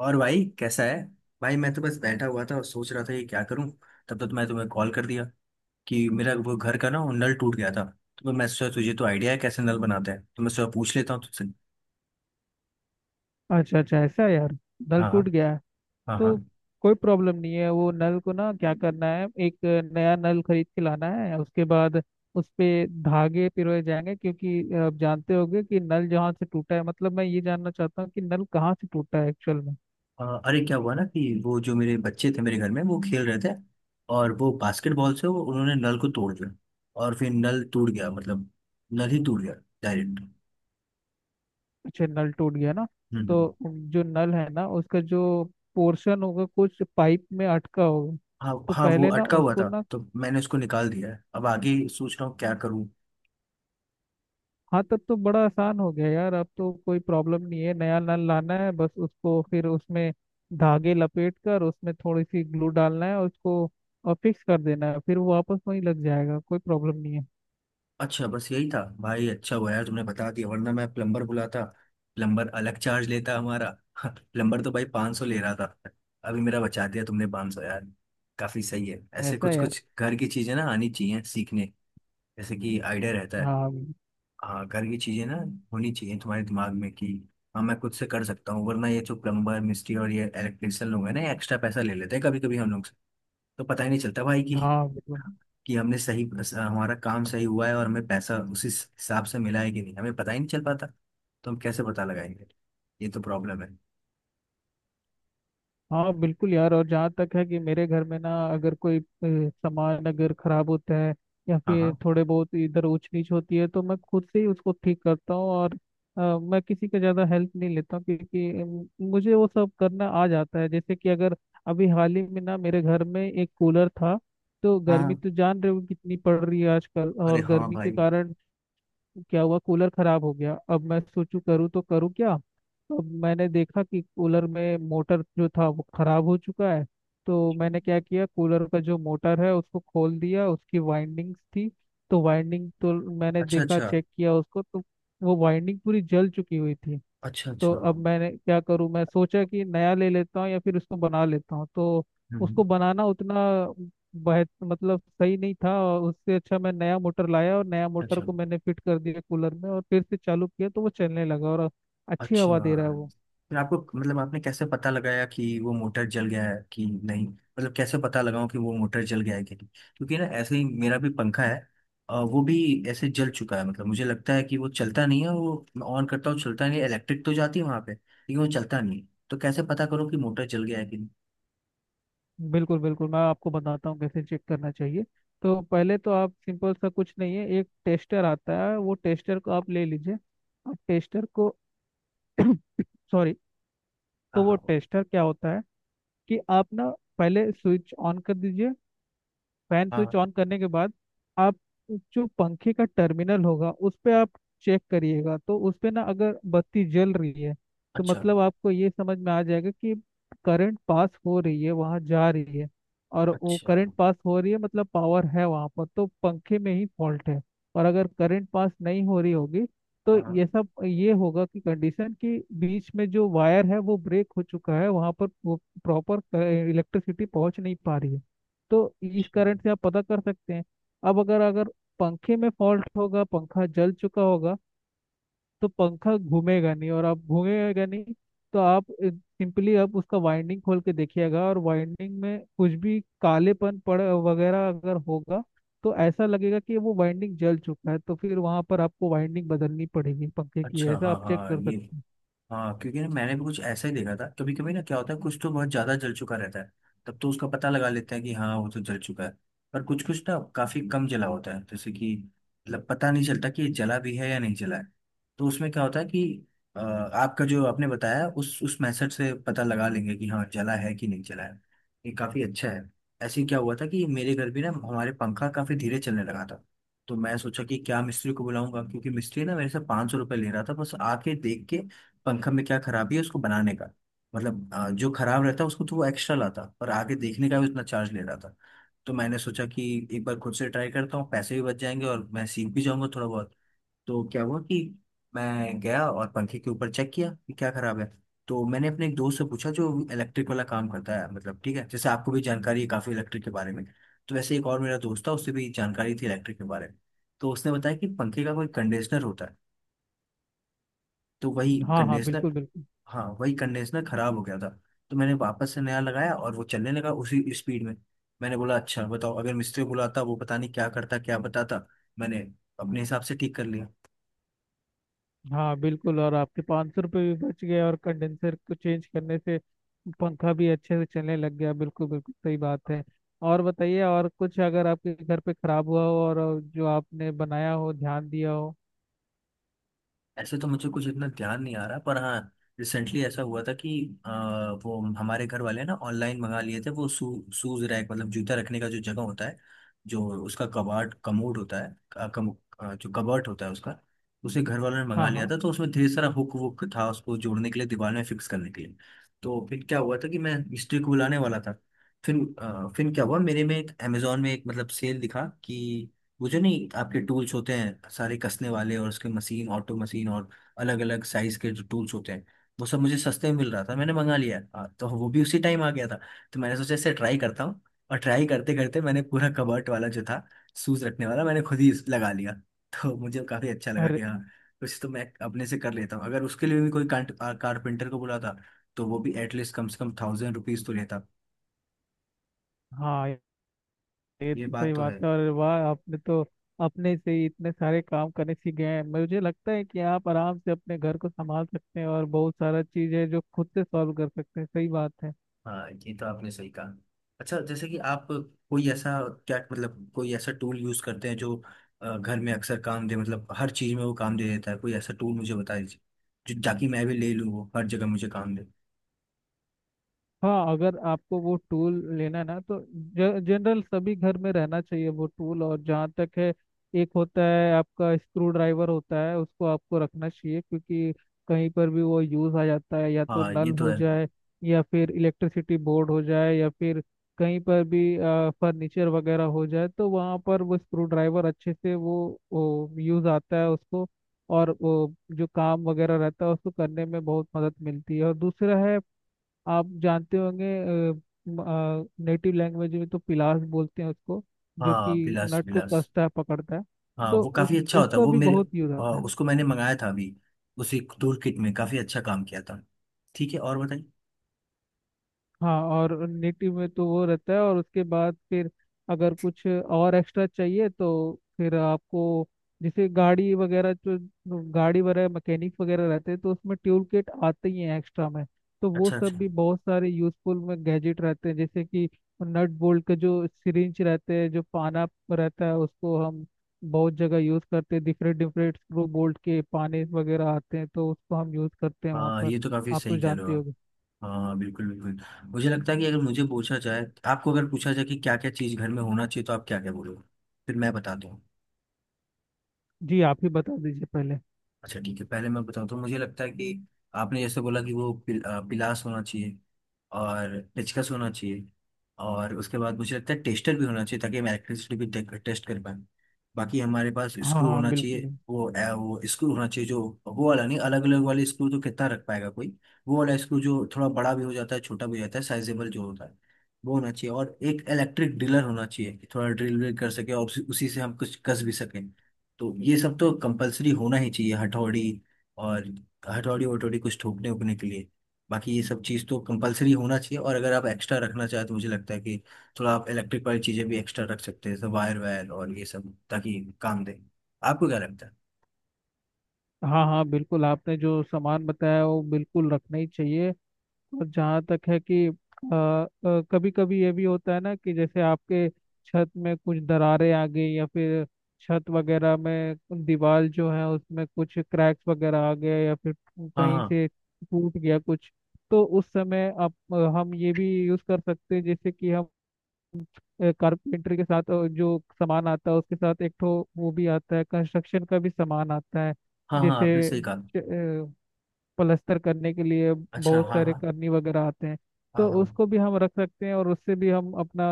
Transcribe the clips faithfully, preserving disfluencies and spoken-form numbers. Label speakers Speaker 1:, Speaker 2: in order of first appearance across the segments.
Speaker 1: और भाई कैसा है। भाई मैं तो बस बैठा हुआ था और सोच रहा था कि क्या करूं। तब तक मैं तुम्हें कॉल कर दिया कि मेरा वो घर का ना वो नल टूट गया था। तो मैं सोचा तुझे तो आइडिया है कैसे नल बनाते हैं, तो मैं सोचा पूछ लेता हूँ तुझसे।
Speaker 2: अच्छा अच्छा ऐसा है यार। नल
Speaker 1: हाँ हाँ।
Speaker 2: टूट गया है।
Speaker 1: हाँ हाँ।
Speaker 2: तो कोई प्रॉब्लम नहीं है, वो नल को ना क्या करना है, एक नया नल खरीद के लाना है। उसके बाद उस पे धागे पिरोए जाएंगे, क्योंकि आप जानते होंगे कि नल जहाँ से टूटा है, मतलब मैं ये जानना चाहता हूँ कि नल कहाँ से टूटा है एक्चुअल में।
Speaker 1: अ, अरे क्या हुआ ना कि वो जो मेरे बच्चे थे मेरे घर में वो खेल रहे थे, और वो बास्केटबॉल से वो उन्होंने नल को तोड़ दिया। और फिर नल टूट गया, मतलब नल ही टूट गया, डायरेक्ट।
Speaker 2: अच्छा, नल टूट गया ना। तो
Speaker 1: हम्म।
Speaker 2: जो नल है ना, उसका जो पोर्शन होगा कुछ पाइप में अटका होगा।
Speaker 1: हाँ
Speaker 2: तो
Speaker 1: हाँ, वो
Speaker 2: पहले ना
Speaker 1: अटका हुआ
Speaker 2: उसको
Speaker 1: था
Speaker 2: ना,
Speaker 1: तो मैंने उसको निकाल दिया है, अब आगे सोच रहा हूँ क्या करूँ।
Speaker 2: हाँ, तब तो बड़ा आसान हो गया यार। अब तो कोई प्रॉब्लम नहीं है, नया नल लाना है, बस उसको फिर उसमें धागे लपेट कर उसमें थोड़ी सी ग्लू डालना है और उसको और फिक्स कर देना है, फिर वो वापस वहीं लग जाएगा। कोई प्रॉब्लम नहीं
Speaker 1: अच्छा बस यही था भाई, अच्छा हुआ यार तुमने बता दिया, वरना मैं प्लम्बर बुलाता। प्लम्बर अलग चार्ज लेता हमारा प्लम्बर तो भाई पाँच सौ ले रहा था, अभी मेरा बचा दिया तुमने पाँच सौ यार। काफी सही है,
Speaker 2: है।
Speaker 1: ऐसे
Speaker 2: ऐसा
Speaker 1: कुछ
Speaker 2: है यार।
Speaker 1: कुछ घर की चीजें ना आनी चाहिए सीखने, जैसे कि आइडिया रहता है।
Speaker 2: हाँ।
Speaker 1: हाँ घर की चीजें ना होनी चाहिए तुम्हारे दिमाग में कि हाँ मैं खुद से कर सकता हूँ, वरना ये जो प्लम्बर मिस्त्री और ये इलेक्ट्रिशियन लोग हैं ना एक्स्ट्रा पैसा ले लेते हैं कभी कभी हम लोग से। तो पता ही नहीं चलता भाई कि
Speaker 2: हाँ, बिल्कुल।
Speaker 1: कि हमने सही हमारा काम सही हुआ है और हमें पैसा उसी हिसाब से मिला है कि नहीं, हमें पता ही नहीं चल पाता। तो हम कैसे पता लगाएंगे, ये तो प्रॉब्लम है।
Speaker 2: हाँ बिल्कुल यार। और जहाँ तक है कि मेरे घर में ना अगर कोई अ, सामान अगर खराब होता है या
Speaker 1: हाँ
Speaker 2: फिर
Speaker 1: हाँ।
Speaker 2: थोड़े बहुत इधर ऊंच नीच होती है, तो मैं खुद से ही उसको ठीक करता हूँ। और अ, मैं किसी का ज़्यादा हेल्प नहीं लेता हूँ, क्योंकि अम, मुझे वो सब करना आ जाता है। जैसे कि अगर अभी हाल ही में ना मेरे घर में एक कूलर था। तो गर्मी
Speaker 1: हाँ,
Speaker 2: तो जान रहे हो कितनी पड़ रही है आजकल,
Speaker 1: अरे
Speaker 2: और
Speaker 1: हाँ
Speaker 2: गर्मी के
Speaker 1: भाई।
Speaker 2: कारण क्या हुआ, कूलर खराब हो गया। अब मैं सोचूं करूँ तो करूँ क्या। तो मैंने देखा कि कूलर में मोटर जो था वो खराब हो चुका है। तो
Speaker 1: अच्छा।
Speaker 2: मैंने क्या किया, कूलर का जो मोटर है उसको खोल दिया, उसकी वाइंडिंग्स थी। तो वाइंडिंग तो मैंने देखा,
Speaker 1: अच्छा।
Speaker 2: चेक किया उसको, तो वो वाइंडिंग पूरी जल चुकी हुई थी।
Speaker 1: अच्छा
Speaker 2: तो
Speaker 1: अच्छा।
Speaker 2: अब
Speaker 1: हम्म,
Speaker 2: मैंने क्या करूं, मैं सोचा कि नया ले लेता हूँ या फिर उसको बना लेता हूँ। तो
Speaker 1: हम्म।
Speaker 2: उसको बनाना उतना बेहत मतलब सही नहीं था, और उससे अच्छा मैं नया मोटर लाया और नया मोटर
Speaker 1: अच्छा।
Speaker 2: को मैंने फिट कर दिया कूलर में, और फिर से चालू किया तो वो चलने लगा और अच्छी
Speaker 1: अच्छा।
Speaker 2: हवा दे रहा है वो।
Speaker 1: फिर आपको मतलब आपने कैसे पता लगाया कि वो मोटर जल गया है कि नहीं, मतलब कैसे पता लगाऊं कि वो मोटर जल गया है कि नहीं। क्योंकि ना ऐसे ही मेरा भी पंखा है। अ, वो भी ऐसे जल चुका है, मतलब मुझे लगता है कि वो चलता नहीं है। वो मैं ऑन करता हूँ चलता नहीं है, इलेक्ट्रिक तो जाती है वहां पे, लेकिन वो चलता नहीं है। तो कैसे पता करूँ कि मोटर जल गया है कि नहीं।
Speaker 2: बिल्कुल बिल्कुल, मैं आपको बताता हूँ कैसे चेक करना चाहिए। तो पहले तो आप, सिंपल सा कुछ नहीं है, एक टेस्टर आता है, वो टेस्टर को आप ले लीजिए। आप टेस्टर को सॉरी।
Speaker 1: हाँ
Speaker 2: तो वो
Speaker 1: हाँ।
Speaker 2: टेस्टर क्या होता है कि आप ना पहले स्विच ऑन कर दीजिए। फैन स्विच
Speaker 1: हाँ।
Speaker 2: ऑन करने के बाद आप जो पंखे का टर्मिनल होगा उस पे आप चेक करिएगा। तो उस पे ना अगर बत्ती जल रही है, तो
Speaker 1: अच्छा।
Speaker 2: मतलब आपको ये समझ में आ जाएगा कि करंट पास हो रही है, वहाँ जा रही है। और वो
Speaker 1: अच्छा
Speaker 2: करंट पास हो रही है मतलब पावर है वहाँ पर, तो पंखे में ही फॉल्ट है। और अगर करंट पास नहीं हो रही होगी, तो ये
Speaker 1: हाँ।
Speaker 2: सब ये होगा कि कंडीशन कि बीच में जो वायर है वो ब्रेक हो चुका है वहाँ पर, वो प्रॉपर इलेक्ट्रिसिटी पहुँच नहीं पा रही है। तो इस
Speaker 1: चलो।
Speaker 2: करंट से आप पता कर सकते हैं। अब अगर अगर पंखे में फॉल्ट होगा, पंखा जल चुका होगा, तो पंखा घूमेगा नहीं। और आप, घूमेगा नहीं तो आप सिंपली आप उसका वाइंडिंग खोल के देखिएगा, और वाइंडिंग में कुछ भी कालेपन पड़ वगैरह अगर होगा, तो ऐसा लगेगा कि वो वाइंडिंग जल चुका है। तो फिर वहां पर आपको वाइंडिंग बदलनी पड़ेगी पंखे की।
Speaker 1: अच्छा
Speaker 2: ऐसा
Speaker 1: हाँ
Speaker 2: आप चेक
Speaker 1: हाँ
Speaker 2: कर
Speaker 1: ये।
Speaker 2: सकते हैं।
Speaker 1: हाँ क्योंकि ना मैंने भी कुछ ऐसा ही देखा था। कभी कभी ना क्या होता है कुछ तो बहुत ज्यादा जल चुका रहता है, तब तो उसका पता लगा लेते हैं कि हाँ वो तो जल चुका है। पर कुछ कुछ ना काफी कम जला होता है, जैसे कि मतलब पता नहीं चलता कि ये जला भी है या नहीं जला है। तो उसमें क्या होता है कि अ, आपका जो आपने बताया उस उस मेथड से पता लगा लेंगे कि हाँ जला है कि नहीं जला है। ये काफी अच्छा है। ऐसे ही क्या हुआ था कि मेरे घर भी ना हमारे पंखा काफी धीरे चलने लगा था। तो मैं सोचा कि क्या मिस्त्री को बुलाऊंगा, क्योंकि मिस्त्री ना मेरे से 500 सौ रुपये ले रहा था, बस आके देख के पंखा में क्या खराबी है उसको बनाने का। मतलब अ, जो खराब रहता उसको तो वो एक्स्ट्रा लाता, पर आगे देखने का भी उतना चार्ज ले रहा था। तो मैंने सोचा कि एक बार खुद से ट्राई करता हूँ, पैसे भी बच जाएंगे और मैं सीख भी जाऊंगा थोड़ा बहुत। तो क्या हुआ कि मैं गया और पंखे के ऊपर चेक किया कि क्या खराब है। तो मैंने अपने एक दोस्त से पूछा जो इलेक्ट्रिक वाला काम करता है, मतलब ठीक है जैसे आपको भी जानकारी है काफ़ी इलेक्ट्रिक के बारे में। तो वैसे एक और मेरा दोस्त था उससे भी जानकारी थी इलेक्ट्रिक के बारे में। तो उसने बताया कि पंखे का कोई कंडीशनर होता है, तो वही
Speaker 2: हाँ हाँ, बिल्कुल
Speaker 1: कंडीशनर।
Speaker 2: बिल्कुल।
Speaker 1: हाँ, वही कंडेंसर खराब हो गया था। तो मैंने वापस से नया लगाया और वो चलने लगा उसी स्पीड में। मैंने बोला अच्छा बताओ, अगर मिस्त्री को बुलाता वो पता नहीं क्या करता क्या बताता। मैंने अपने हिसाब से ठीक कर लिया।
Speaker 2: हाँ बिल्कुल, और आपके पाँच सौ रुपये भी बच गए, और कंडेंसर को चेंज करने से पंखा भी अच्छे से चलने लग गया। बिल्कुल बिल्कुल, सही बात है। और बताइए, और कुछ अगर आपके घर पे खराब हुआ हो और जो आपने बनाया हो, ध्यान दिया हो।
Speaker 1: ऐसे तो मुझे कुछ इतना ध्यान नहीं आ रहा, पर हाँ रिसेंटली ऐसा हुआ था कि अ, वो हमारे घर वाले ना ऑनलाइन मंगा लिए थे वो शू शूज रैक, मतलब जूता रखने का जो जगह होता है, जो उसका कबाट कमोड होता है अ, कम, अ, जो कबाट होता है उसका। उसे घर वालों ने मंगा
Speaker 2: हाँ
Speaker 1: लिया
Speaker 2: हाँ।
Speaker 1: था, तो उसमें ढेर सारा हुक वुक था उसको जोड़ने के लिए, दीवार में फिक्स करने के लिए। तो फिर क्या हुआ था कि मैं मिस्त्री को बुलाने वाला था, फिर अ, फिर क्या हुआ मेरे में एक अमेजोन में एक मतलब सेल दिखा कि वो जो नहीं आपके टूल्स होते हैं सारे कसने वाले, और उसके मशीन ऑटो मशीन और अलग अलग साइज के जो टूल्स होते हैं वो सब मुझे सस्ते में मिल रहा था, मैंने मंगा लिया। हाँ, तो वो भी उसी टाइम आ गया था। तो मैंने सोचा इसे ट्राई करता हूँ। और ट्राई करते करते मैंने पूरा कबर्ट वाला जो था, शूज रखने वाला, मैंने खुद ही लगा लिया। तो मुझे काफी अच्छा लगा कि
Speaker 2: अरे
Speaker 1: हाँ कुछ तो मैं अपने से कर लेता हूँ, अगर उसके लिए भी कोई कारपेंटर को बुलाता तो वो भी एटलीस्ट कम से कम थाउजेंड रुपीज तो लेता।
Speaker 2: हाँ, ये
Speaker 1: ये
Speaker 2: तो
Speaker 1: बात
Speaker 2: सही
Speaker 1: तो है।
Speaker 2: बात है। और वाह, आपने तो अपने से ही इतने सारे काम करने सीख गए हैं। मुझे लगता है कि आप आराम से अपने घर को संभाल सकते हैं, और बहुत सारा चीज़ है जो खुद से सॉल्व कर सकते हैं। सही बात है।
Speaker 1: हाँ ये तो आपने सही कहा। अच्छा जैसे कि आप कोई ऐसा क्या, मतलब कोई ऐसा टूल यूज करते हैं जो अ, घर में अक्सर काम दे, मतलब हर चीज में वो काम दे देता है, कोई ऐसा टूल मुझे बता दीजिए जो, ताकि मैं भी ले लूँ वो हर जगह मुझे काम दे।
Speaker 2: हाँ, अगर आपको वो टूल लेना है ना, तो जनरल सभी घर में रहना चाहिए वो टूल। और जहाँ तक है, एक होता है आपका स्क्रू ड्राइवर होता है, उसको आपको रखना चाहिए, क्योंकि कहीं पर भी वो यूज आ जाता है। या तो
Speaker 1: हाँ
Speaker 2: नल
Speaker 1: ये तो
Speaker 2: हो
Speaker 1: है।
Speaker 2: जाए या फिर इलेक्ट्रिसिटी बोर्ड हो जाए, या फिर कहीं पर भी फर्नीचर वगैरह हो जाए, तो वहाँ पर वो स्क्रू ड्राइवर अच्छे से वो, वो यूज आता है उसको। और वो जो काम वगैरह रहता है उसको करने में बहुत मदद मिलती है। और दूसरा है, आप जानते होंगे, नेटिव लैंग्वेज में तो पिलास बोलते हैं उसको, जो
Speaker 1: हाँ
Speaker 2: कि
Speaker 1: बिलास
Speaker 2: नट को
Speaker 1: बिलास।
Speaker 2: कसता है, पकड़ता है।
Speaker 1: हाँ
Speaker 2: तो
Speaker 1: वो
Speaker 2: उस
Speaker 1: काफी अच्छा होता है
Speaker 2: उसका
Speaker 1: वो
Speaker 2: भी
Speaker 1: मेरे
Speaker 2: बहुत यूज
Speaker 1: अ,
Speaker 2: आता है।
Speaker 1: उसको मैंने मंगाया था अभी, उसी टूल किट में, काफी अच्छा काम किया था। ठीक है और बताइए।
Speaker 2: हाँ, और नेटिव में तो वो रहता है। और उसके बाद फिर अगर कुछ और एक्स्ट्रा चाहिए, तो फिर आपको, जैसे गाड़ी वगैरह जो, गाड़ी वगैरह मैकेनिक वगैरह रहते हैं, तो उसमें ट्यूब किट आते ही हैं एक्स्ट्रा में। तो वो
Speaker 1: अच्छा अच्छा।
Speaker 2: सब भी बहुत सारे यूजफुल में गैजेट रहते हैं। जैसे कि नट बोल्ट के जो सिरिंज रहते हैं, जो पाना रहता है, उसको हम बहुत जगह यूज करते हैं। डिफरेंट डिफरेंट स्क्रू बोल्ट के पाने वगैरह आते हैं, तो उसको हम यूज करते हैं वहाँ
Speaker 1: हाँ
Speaker 2: पर।
Speaker 1: ये तो काफी
Speaker 2: आप तो
Speaker 1: सही कह रहे हो
Speaker 2: जानते
Speaker 1: आप।
Speaker 2: होगे।
Speaker 1: हाँ बिल्कुल बिल्कुल। मुझे लगता है कि अगर मुझे पूछा जाए, आपको अगर पूछा जाए कि क्या क्या चीज़ घर में होना चाहिए, तो आप क्या क्या बोलोगे, फिर मैं बताता हूँ।
Speaker 2: जी, आप ही बता दीजिए पहले।
Speaker 1: अच्छा ठीक है, पहले मैं बताऊँ तो मुझे लगता है कि आपने जैसे बोला कि वो पिल, अ, पिलास होना चाहिए, और पेचकस होना चाहिए, और उसके बाद मुझे लगता है टेस्टर भी होना चाहिए ताकि हम इलेक्ट्रिसिटी भी टेस्ट कर पाए। बाकी हमारे पास
Speaker 2: हाँ
Speaker 1: स्क्रू
Speaker 2: हाँ,
Speaker 1: होना
Speaker 2: बिल्कुल
Speaker 1: चाहिए,
Speaker 2: बिल्कुल।
Speaker 1: वो अ, वो स्क्रू होना चाहिए जो, वो वाला नहीं, अलग अलग वाले स्क्रू तो कितना रख पाएगा कोई। वो वाला स्क्रू जो थोड़ा बड़ा भी हो जाता है छोटा भी हो जाता है, साइजेबल जो होता है वो होना चाहिए। और एक इलेक्ट्रिक ड्रिलर होना चाहिए कि थोड़ा ड्रिल व्रिल कर सके और उसी उसी से हम कुछ कस भी सकें। तो ये सब तो कंपलसरी होना ही चाहिए, हथौड़ी, और हथौड़ी वटौड़ी कुछ ठोकने उकने के लिए। बाकी ये सब चीज़ तो कंपलसरी होना चाहिए, और अगर आप एक्स्ट्रा रखना चाहें तो मुझे लगता है कि थोड़ा आप इलेक्ट्रिक वाली चीज़ें भी एक्स्ट्रा रख सकते हैं, जैसे वायर वायर और ये सब, ताकि काम दे। आपको क्या लगता है।
Speaker 2: हाँ हाँ, बिल्कुल। आपने जो सामान बताया वो बिल्कुल रखना ही चाहिए। और जहाँ तक है कि, कभी कभी ये भी होता है ना कि जैसे आपके छत में कुछ दरारें आ गई, या फिर छत वगैरह में दीवार जो है उसमें कुछ क्रैक्स वगैरह आ गए, या फिर
Speaker 1: हाँ
Speaker 2: कहीं
Speaker 1: हाँ।
Speaker 2: से टूट गया कुछ, तो उस समय आप, हम ये भी यूज कर सकते हैं। जैसे कि हम कारपेंटर के साथ अ, जो सामान आता है उसके साथ एक ठो वो भी आता है, कंस्ट्रक्शन का भी सामान आता है।
Speaker 1: हाँ हाँ आपने
Speaker 2: जैसे अ,
Speaker 1: सही कहा।
Speaker 2: प्लास्टर करने के लिए
Speaker 1: अच्छा
Speaker 2: बहुत
Speaker 1: हाँ
Speaker 2: सारे
Speaker 1: हाँ।
Speaker 2: करनी वगैरह आते हैं।
Speaker 1: हाँ
Speaker 2: तो
Speaker 1: हाँ
Speaker 2: उसको भी हम रख सकते हैं, और उससे भी हम अपना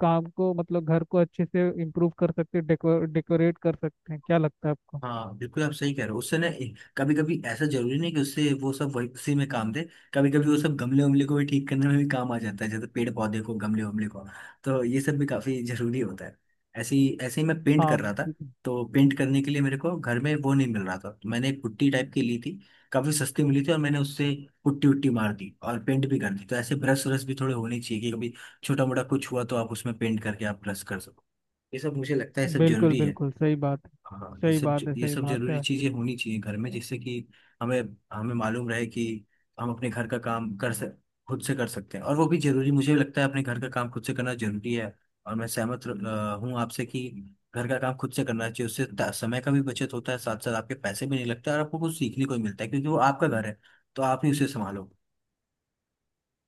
Speaker 2: काम को, मतलब घर को अच्छे से इम्प्रूव कर सकते हैं, डेकोर डेकोरेट कर सकते हैं। क्या लगता है आपको।
Speaker 1: हाँ बिल्कुल आप सही कह रहे हो। उससे ना कभी कभी ऐसा जरूरी नहीं कि उससे वो सब वही उसी में काम दे, कभी कभी वो सब गमले उमले को भी ठीक करने में भी काम आ जाता है, जैसे पेड़ पौधे को, गमले उमले को। तो ये सब भी काफी जरूरी होता है। ऐसे ही ऐसे ही मैं पेंट
Speaker 2: हाँ
Speaker 1: कर रहा था।
Speaker 2: बिल्कुल।
Speaker 1: तो पेंट करने के लिए मेरे को घर में वो नहीं मिल रहा था, तो मैंने एक पुट्टी टाइप की ली थी, काफी सस्ती मिली थी, और मैंने उससे पुट्टी उट्टी मार दी और पेंट भी कर दी। तो ऐसे ब्रश व्रश भी थोड़े होने चाहिए कि कभी छोटा मोटा कुछ हुआ तो आप उसमें पेंट करके आप ब्रश कर सको। ये सब मुझे लगता है सब
Speaker 2: बिल्कुल
Speaker 1: जरूरी है।
Speaker 2: बिल्कुल सही बात है।
Speaker 1: हाँ ये
Speaker 2: सही
Speaker 1: सब
Speaker 2: बात है,
Speaker 1: ये
Speaker 2: सही
Speaker 1: सब
Speaker 2: बात
Speaker 1: जरूरी
Speaker 2: है।
Speaker 1: चीजें होनी चाहिए घर में जिससे कि हमें, हमें मालूम रहे कि हम अपने घर का काम कर सक, खुद से कर सकते हैं। और वो भी जरूरी मुझे लगता है, अपने घर का काम खुद से करना जरूरी है। और मैं सहमत हूँ आपसे कि घर का काम खुद से करना चाहिए, उससे ता- समय का भी बचत होता है, साथ साथ आपके पैसे भी नहीं लगते और आपको कुछ सीखने को भी मिलता है, क्योंकि वो आपका घर है तो आप ही उसे संभालो।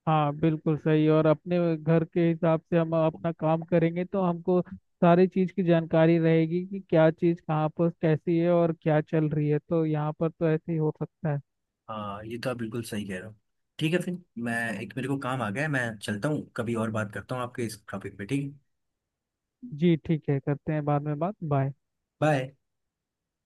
Speaker 2: हाँ बिल्कुल सही। और अपने घर के हिसाब से हम अपना काम करेंगे तो हमको सारी चीज़ की जानकारी रहेगी कि क्या चीज़ कहाँ पर कैसी है और क्या चल रही है। तो यहाँ पर तो ऐसे ही हो सकता है।
Speaker 1: हाँ ये तो आप बिल्कुल सही कह रहे हो। ठीक है फिर मैं, एक मेरे को काम आ गया है, मैं चलता हूँ, कभी और बात करता हूँ आपके इस टॉपिक पे, ठीक है।
Speaker 2: जी ठीक है, करते हैं बाद में बात, बाय।
Speaker 1: बाय।